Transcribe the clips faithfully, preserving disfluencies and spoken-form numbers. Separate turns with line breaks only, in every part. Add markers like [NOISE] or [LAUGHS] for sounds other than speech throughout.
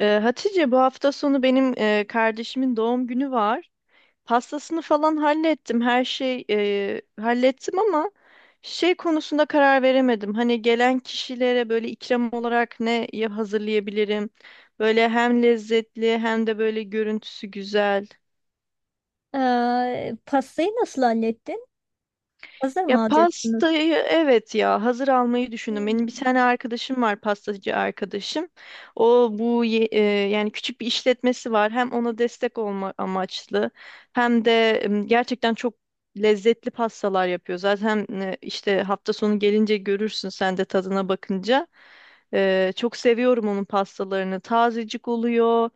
Ee, Hatice, bu hafta sonu benim e, kardeşimin doğum günü var. Pastasını falan hallettim. Her şey e, hallettim ama şey konusunda karar veremedim. Hani gelen kişilere böyle ikram olarak ne ya- hazırlayabilirim? Böyle hem lezzetli hem de böyle görüntüsü güzel.
Ee, pastayı nasıl hallettin? Hazır
Ya
mı alacaksınız?
pastayı evet ya hazır almayı düşündüm. Benim bir tane
Hmm.
arkadaşım var, pastacı arkadaşım. O bu ye- e, Yani küçük bir işletmesi var. Hem ona destek olma amaçlı hem de em, gerçekten çok lezzetli pastalar yapıyor. Zaten e, işte hafta sonu gelince görürsün sen de tadına bakınca. E, çok seviyorum onun pastalarını. Tazecik oluyor.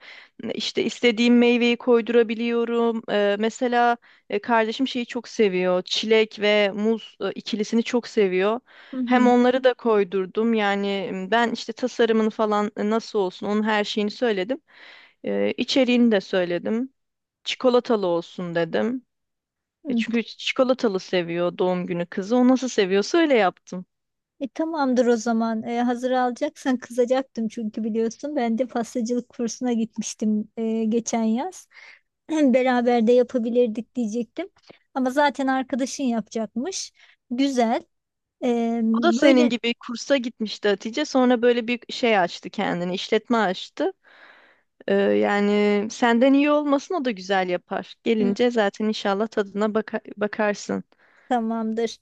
İşte istediğim meyveyi koydurabiliyorum. E, mesela e, kardeşim şeyi çok seviyor. Çilek ve muz e, ikilisini çok seviyor.
Hı
Hem
hı.
onları da koydurdum. Yani m, ben işte tasarımını falan e, nasıl olsun onun her şeyini söyledim. E, içeriğini de söyledim. Çikolatalı olsun dedim. E,
Hı.
çünkü çikolatalı seviyor doğum günü kızı. O nasıl seviyorsa öyle yaptım.
E, tamamdır o zaman. E, hazır alacaksan kızacaktım, çünkü biliyorsun ben de pastacılık kursuna gitmiştim e, geçen yaz. [CLEARS THROAT] Beraber de yapabilirdik diyecektim. Ama zaten arkadaşın yapacakmış. Güzel. E,
O da senin
Böyle.
gibi kursa gitmişti, Hatice. Sonra böyle bir şey açtı kendini, işletme açtı. Ee, yani senden iyi olmasın, o da güzel yapar.
Hı,
Gelince zaten inşallah tadına baka- bakarsın.
tamamdır.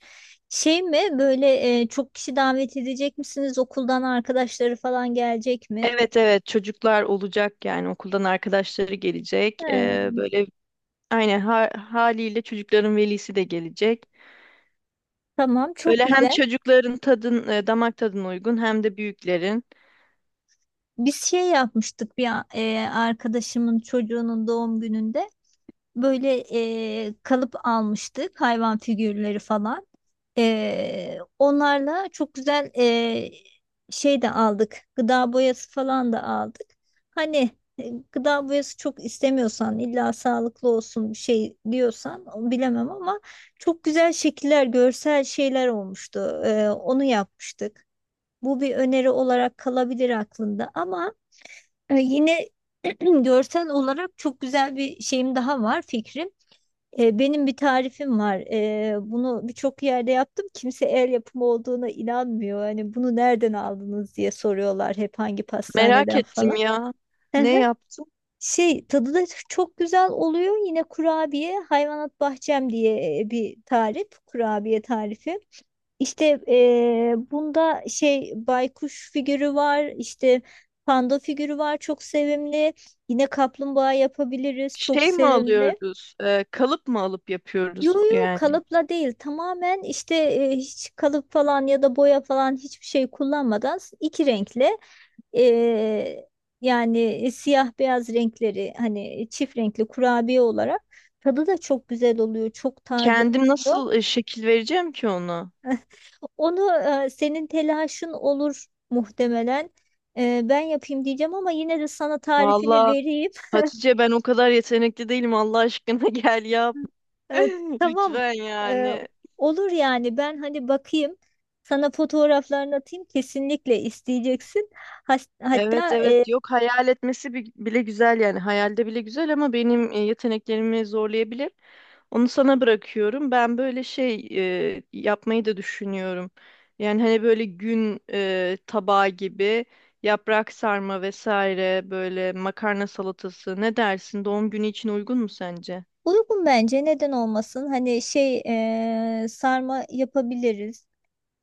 Şey mi böyle, e, çok kişi davet edecek misiniz? Okuldan arkadaşları falan gelecek mi?
Evet, evet, çocuklar olacak, yani okuldan arkadaşları gelecek.
Hı.
Ee, böyle aynen ha- haliyle çocukların velisi de gelecek.
Tamam, çok
Böyle hem
güzel.
çocukların tadın e, damak tadına uygun hem de büyüklerin.
Biz şey yapmıştık, bir a- e, arkadaşımın çocuğunun doğum gününde böyle, e, kalıp almıştık, hayvan figürleri falan. E, onlarla çok güzel, e, şey de aldık, gıda boyası falan da aldık. Hani, e, gıda boyası çok istemiyorsan, illa sağlıklı olsun bir şey diyorsan, o bilemem ama çok güzel şekiller, görsel şeyler olmuştu. E, onu yapmıştık. Bu bir öneri olarak kalabilir aklında ama ee, Yine [CLEARS THROAT] görsel olarak çok güzel bir şeyim daha var, fikrim. Ee, benim bir tarifim var. Ee, bunu birçok yerde yaptım. Kimse el yapımı olduğuna inanmıyor. Hani bunu nereden aldınız diye soruyorlar hep, hangi
Merak
pastaneden
ettim
falan.
ya.
Hı
Ne
hı.
yaptın?
Şey, tadı da çok güzel oluyor. Yine, kurabiye hayvanat bahçem diye e, bir tarif. Kurabiye tarifi. İşte eee, bunda şey, baykuş figürü var, işte panda figürü var, çok sevimli. Yine kaplumbağa yapabiliriz, çok
Şey mi
sevimli.
alıyoruz? E, kalıp mı alıp
Yo,
yapıyoruz
yo,
yani?
kalıpla değil, tamamen işte eee, hiç kalıp falan ya da boya falan, hiçbir şey kullanmadan, iki renkle eee, yani e, siyah beyaz renkleri, hani çift renkli kurabiye olarak, tadı da çok güzel oluyor, çok taze
Kendim
oluyor.
nasıl e, şekil vereceğim ki onu?
Onu, e, senin telaşın olur muhtemelen. E, ben yapayım diyeceğim ama yine de sana tarifini
Vallahi
vereyim.
Hatice, ben o kadar yetenekli değilim, Allah aşkına [LAUGHS] gel yap.
E,
[LAUGHS]
tamam,
Lütfen
e,
yani.
olur yani. Ben hani bakayım, sana fotoğraflarını atayım, kesinlikle isteyeceksin. Has-
Evet,
hatta, e,
evet, yok, hayal etmesi bi- bile güzel, yani hayalde bile güzel ama benim e, yeteneklerimi zorlayabilir. Onu sana bırakıyorum. Ben böyle şey e, yapmayı da düşünüyorum. Yani hani böyle gün e, tabağı gibi yaprak sarma vesaire, böyle makarna salatası, ne dersin? Doğum günü için uygun mu sence?
uygun bence, neden olmasın hani şey, e, sarma yapabiliriz.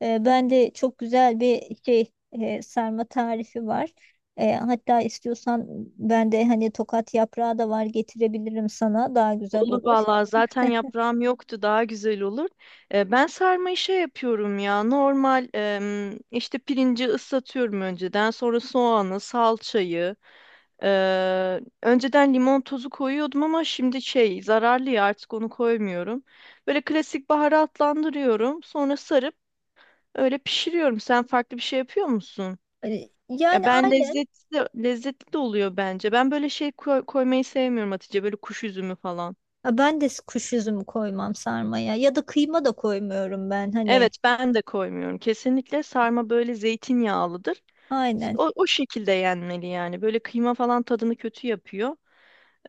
E, ben de çok güzel bir şey, e, sarma tarifi var. E, hatta istiyorsan ben de hani tokat yaprağı da var, getirebilirim sana, daha güzel
Olur
olur.
vallahi, zaten yaprağım yoktu, daha güzel olur. E, ben sarmayı şey yapıyorum ya, normal em, işte pirinci ıslatıyorum önceden, sonra soğanı, salçayı. e, Önceden limon tozu koyuyordum ama şimdi şey zararlı ya, artık onu koymuyorum. Böyle klasik baharatlandırıyorum, sonra sarıp öyle pişiriyorum. Sen farklı bir şey yapıyor musun?
E,
Ya
yani
ben,
aynen.
lezzetli, lezzetli de oluyor bence. Ben böyle şey koy- koymayı sevmiyorum Hatice, böyle kuş üzümü falan.
Ha, ben de kuş üzümü koymam sarmaya, ya da kıyma da koymuyorum ben, hani
Evet, ben de koymuyorum. Kesinlikle sarma böyle zeytinyağlıdır.
aynen.
O, o şekilde yenmeli yani. Böyle kıyma falan tadını kötü yapıyor.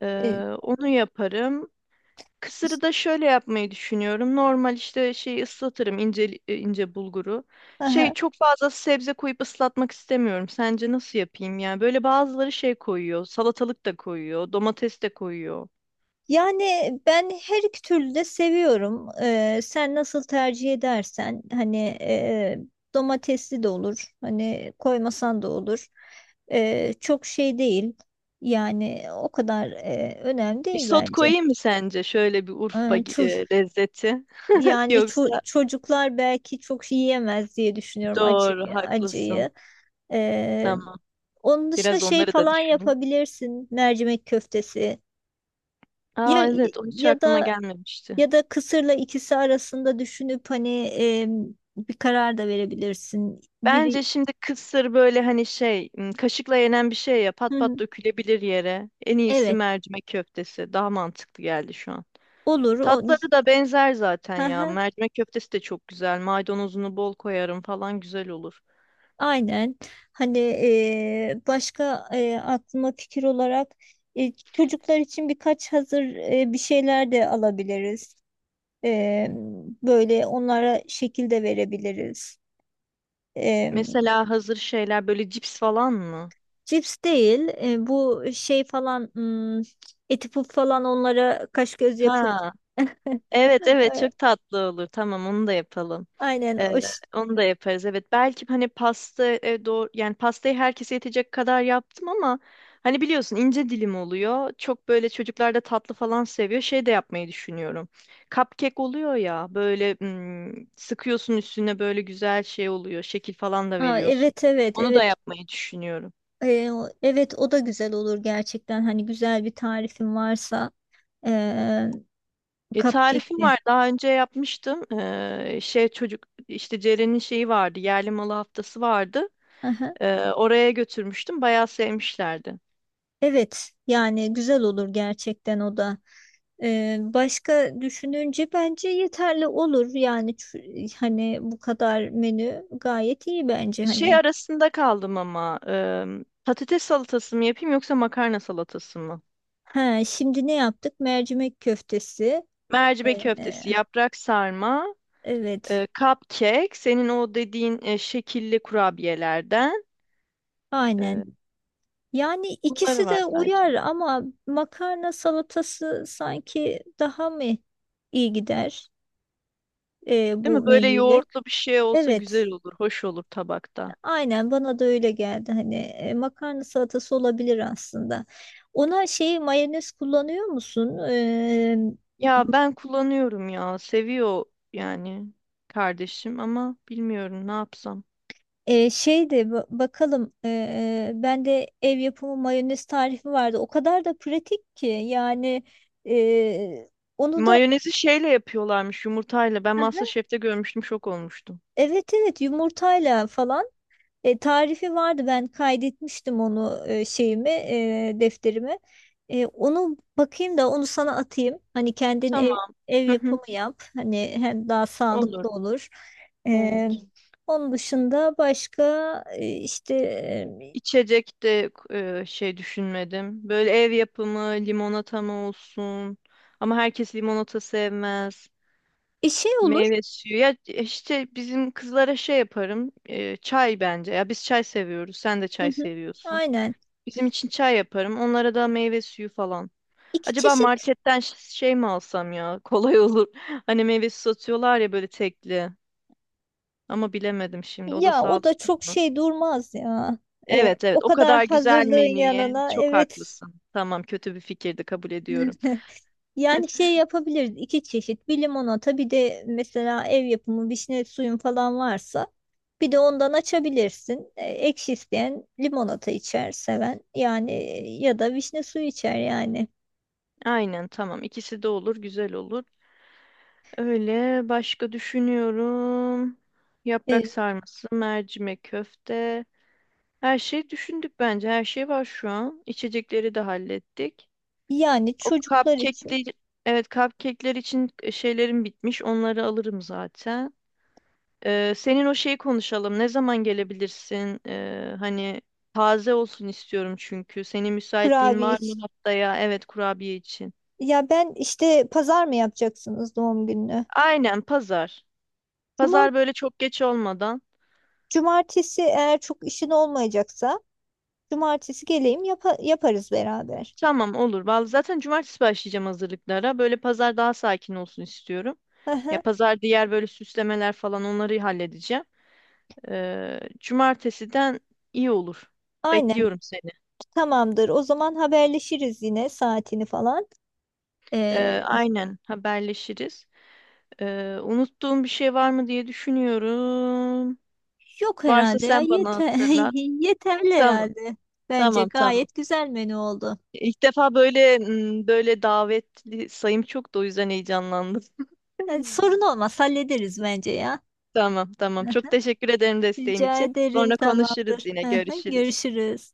Ee,
E,
Onu yaparım. Kısırı
işte,
da şöyle yapmayı düşünüyorum. Normal işte şey ıslatırım ince e, ince bulguru. Şey, çok fazla sebze koyup ıslatmak istemiyorum. Sence nasıl yapayım yani? Böyle bazıları şey koyuyor. Salatalık da koyuyor, domates de koyuyor.
yani ben her iki türlü de seviyorum. Ee, sen nasıl tercih edersen hani, e, domatesli de olur. Hani koymasan da olur. Ee, çok şey değil. Yani o kadar e, önemli değil
Isot
bence.
koyayım mı sence, şöyle bir Urfa
Ee, ço-
e, lezzeti? [LAUGHS]
Yani
Yoksa
ço- çocuklar belki çok yiyemez diye düşünüyorum, acı
doğru, haklısın.
acıyı. Ee,
Tamam.
Onun dışında
Biraz
şey
onları da
falan
düşünün.
yapabilirsin. Mercimek köftesi. Ya,
Aa evet, o hiç
ya
aklıma
da
gelmemişti.
Ya da kısırla ikisi arasında düşünüp hani e, bir karar da verebilirsin. Biri.
Bence şimdi kısır böyle hani şey, m, kaşıkla yenen bir şey ya,
Hı
pat pat
hı.
dökülebilir yere. En iyisi
Evet,
mercimek köftesi. Daha mantıklı geldi şu an.
olur o.
Tatları da benzer zaten
Hı
ya.
hı,
Mercimek köftesi de çok güzel. Maydanozunu bol koyarım falan, güzel olur.
aynen. Hani e, başka, e, aklıma fikir olarak, e, çocuklar için birkaç hazır, e, bir şeyler de alabiliriz. E, Böyle onlara şekil de verebiliriz. E,
Mesela hazır şeyler böyle cips falan mı?
Cips değil, e, bu şey falan, hmm, eti puf falan onlara kaş göz yapıp.
Ha, evet, evet, çok
[LAUGHS]
tatlı olur. Tamam, onu da yapalım.
Aynen
Ee,
o ş-
Onu da yaparız. Evet, belki hani pasta e, doğru, yani pastayı herkese yetecek kadar yaptım ama hani biliyorsun ince dilim oluyor. Çok böyle çocuklar da tatlı falan seviyor. Şey de yapmayı düşünüyorum. Cupcake oluyor ya, böyle hmm, sıkıyorsun üstüne, böyle güzel şey oluyor. Şekil falan da
Aa,
veriyorsun.
evet, evet,
Onu da
evet.
yapmayı düşünüyorum.
Ee, o- evet, o da güzel olur gerçekten, hani güzel bir tarifin varsa ee,
E,
cupcake
tarifim
de.
var. Daha önce yapmıştım. Ee, şey çocuk işte Ceren'in şeyi vardı. Yerli malı haftası vardı.
Aha.
Ee, oraya götürmüştüm. Bayağı sevmişlerdi.
Evet, yani güzel olur gerçekten o da. Ee, başka düşününce bence yeterli olur yani, çü- hani bu kadar menü gayet iyi bence
Şey
hani.
arasında kaldım ama ım, patates salatası mı yapayım yoksa makarna salatası mı?
Ha, şimdi ne yaptık? Mercimek köftesi.
Mercimek
Ee,
köftesi, yaprak sarma,
evet,
e, cupcake, senin o dediğin e, şekilli kurabiyelerden,
aynen.
e,
Yani
bunları
ikisi
var
de
sadece.
uyar ama makarna salatası sanki daha mı iyi gider e,
Değil
bu
mi? Böyle
menüyle?
yoğurtlu bir şey olsa
Evet,
güzel olur, hoş olur tabakta.
aynen, bana da öyle geldi. Hani e, makarna salatası olabilir aslında. Ona şey, mayonez kullanıyor musun? E,
Ya ben kullanıyorum ya, seviyor yani kardeşim ama bilmiyorum ne yapsam.
e, şey de ba- bakalım, e, bende ev yapımı mayonez tarifi vardı. O kadar da pratik ki yani, e, onu da.
Mayonezi şeyle yapıyorlarmış, yumurtayla. Ben
[LAUGHS]
MasterChef'te görmüştüm, şok olmuştum.
Evet, evet, yumurtayla falan. E, tarifi vardı, ben kaydetmiştim onu, e, şeyimi, e, defterimi. E, onu bakayım da onu sana atayım. Hani kendin
Tamam.
ev, ev yapımı
[LAUGHS]
yap. Hani hem daha
Olur.
sağlıklı olur. E,
Evet.
Onun dışında başka, e, işte,
İçecek de e, şey düşünmedim. Böyle ev yapımı limonata mı olsun? Ama herkes limonata sevmez.
e, şey olur.
Meyve suyu. Ya e, işte bizim kızlara şey yaparım. E, çay bence. Ya biz çay seviyoruz. Sen de
Hı
çay
hı.
seviyorsun.
Aynen.
Bizim için çay yaparım. Onlara da meyve suyu falan.
İki
Acaba
çeşit.
marketten ş- şey mi alsam ya? [LAUGHS] Kolay olur. Hani meyve suyu satıyorlar ya, böyle tekli. Ama bilemedim şimdi. O da
Ya, o da
sağlıklı.
çok şey durmaz ya. E,
Evet,
o
evet, o
kadar
kadar güzel
hazırlığın
menüye
yanına,
çok
evet.
haklısın. Tamam, kötü bir fikirdi, kabul ediyorum.
[LAUGHS] Yani şey yapabiliriz, iki çeşit: bir limonata, bir de mesela ev yapımı vişne suyun falan varsa bir de ondan açabilirsin. E, Ekşi isteyen limonata içer, seven yani, e, ya da vişne suyu içer yani.
Aynen, tamam, ikisi de olur, güzel olur. Öyle başka düşünüyorum. Yaprak
E,
sarması, mercimek köfte. Her şeyi düşündük bence. Her şey var şu an. İçecekleri de hallettik.
Yani
O
çocuklar için,
cupcake'ler, evet cupcake'ler için şeylerim bitmiş. Onları alırım zaten. Ee, senin o şeyi konuşalım. Ne zaman gelebilirsin? Ee, hani taze olsun istiyorum çünkü. Senin müsaitliğin
kurabiye
var mı
için.
haftaya? Evet, kurabiye için.
Ya ben işte, pazar mı yapacaksınız doğum gününü?
Aynen, pazar.
Cuma,
Pazar böyle çok geç olmadan.
cumartesi, eğer çok işin olmayacaksa cumartesi geleyim, yapa- yaparız beraber.
Tamam, olur. Vallahi zaten cumartesi başlayacağım hazırlıklara. Böyle pazar daha sakin olsun istiyorum.
Hı
Ya
hı.
pazar diğer böyle süslemeler falan, onları halledeceğim. Ee, cumartesiden iyi olur.
Aynen.
Bekliyorum seni.
Tamamdır. O zaman haberleşiriz yine, saatini falan.
Ee,
Ee,
aynen, haberleşiriz. Ee, unuttuğum bir şey var mı diye düşünüyorum.
Yok
Varsa
herhalde ya,
sen bana
yeter
hatırlat.
[LAUGHS] yeterli
Tamam,
herhalde. Bence
tamam, tamam.
gayet güzel menü oldu.
İlk defa böyle m, böyle davetli sayım çok, da o yüzden heyecanlandım.
Yani
[LAUGHS]
sorun olmaz, hallederiz bence ya.
Tamam, tamam. Çok
[LAUGHS]
teşekkür ederim desteğin
Rica
için.
ederim,
Sonra konuşuruz
tamamdır.
yine,
[LAUGHS]
görüşürüz.
Görüşürüz.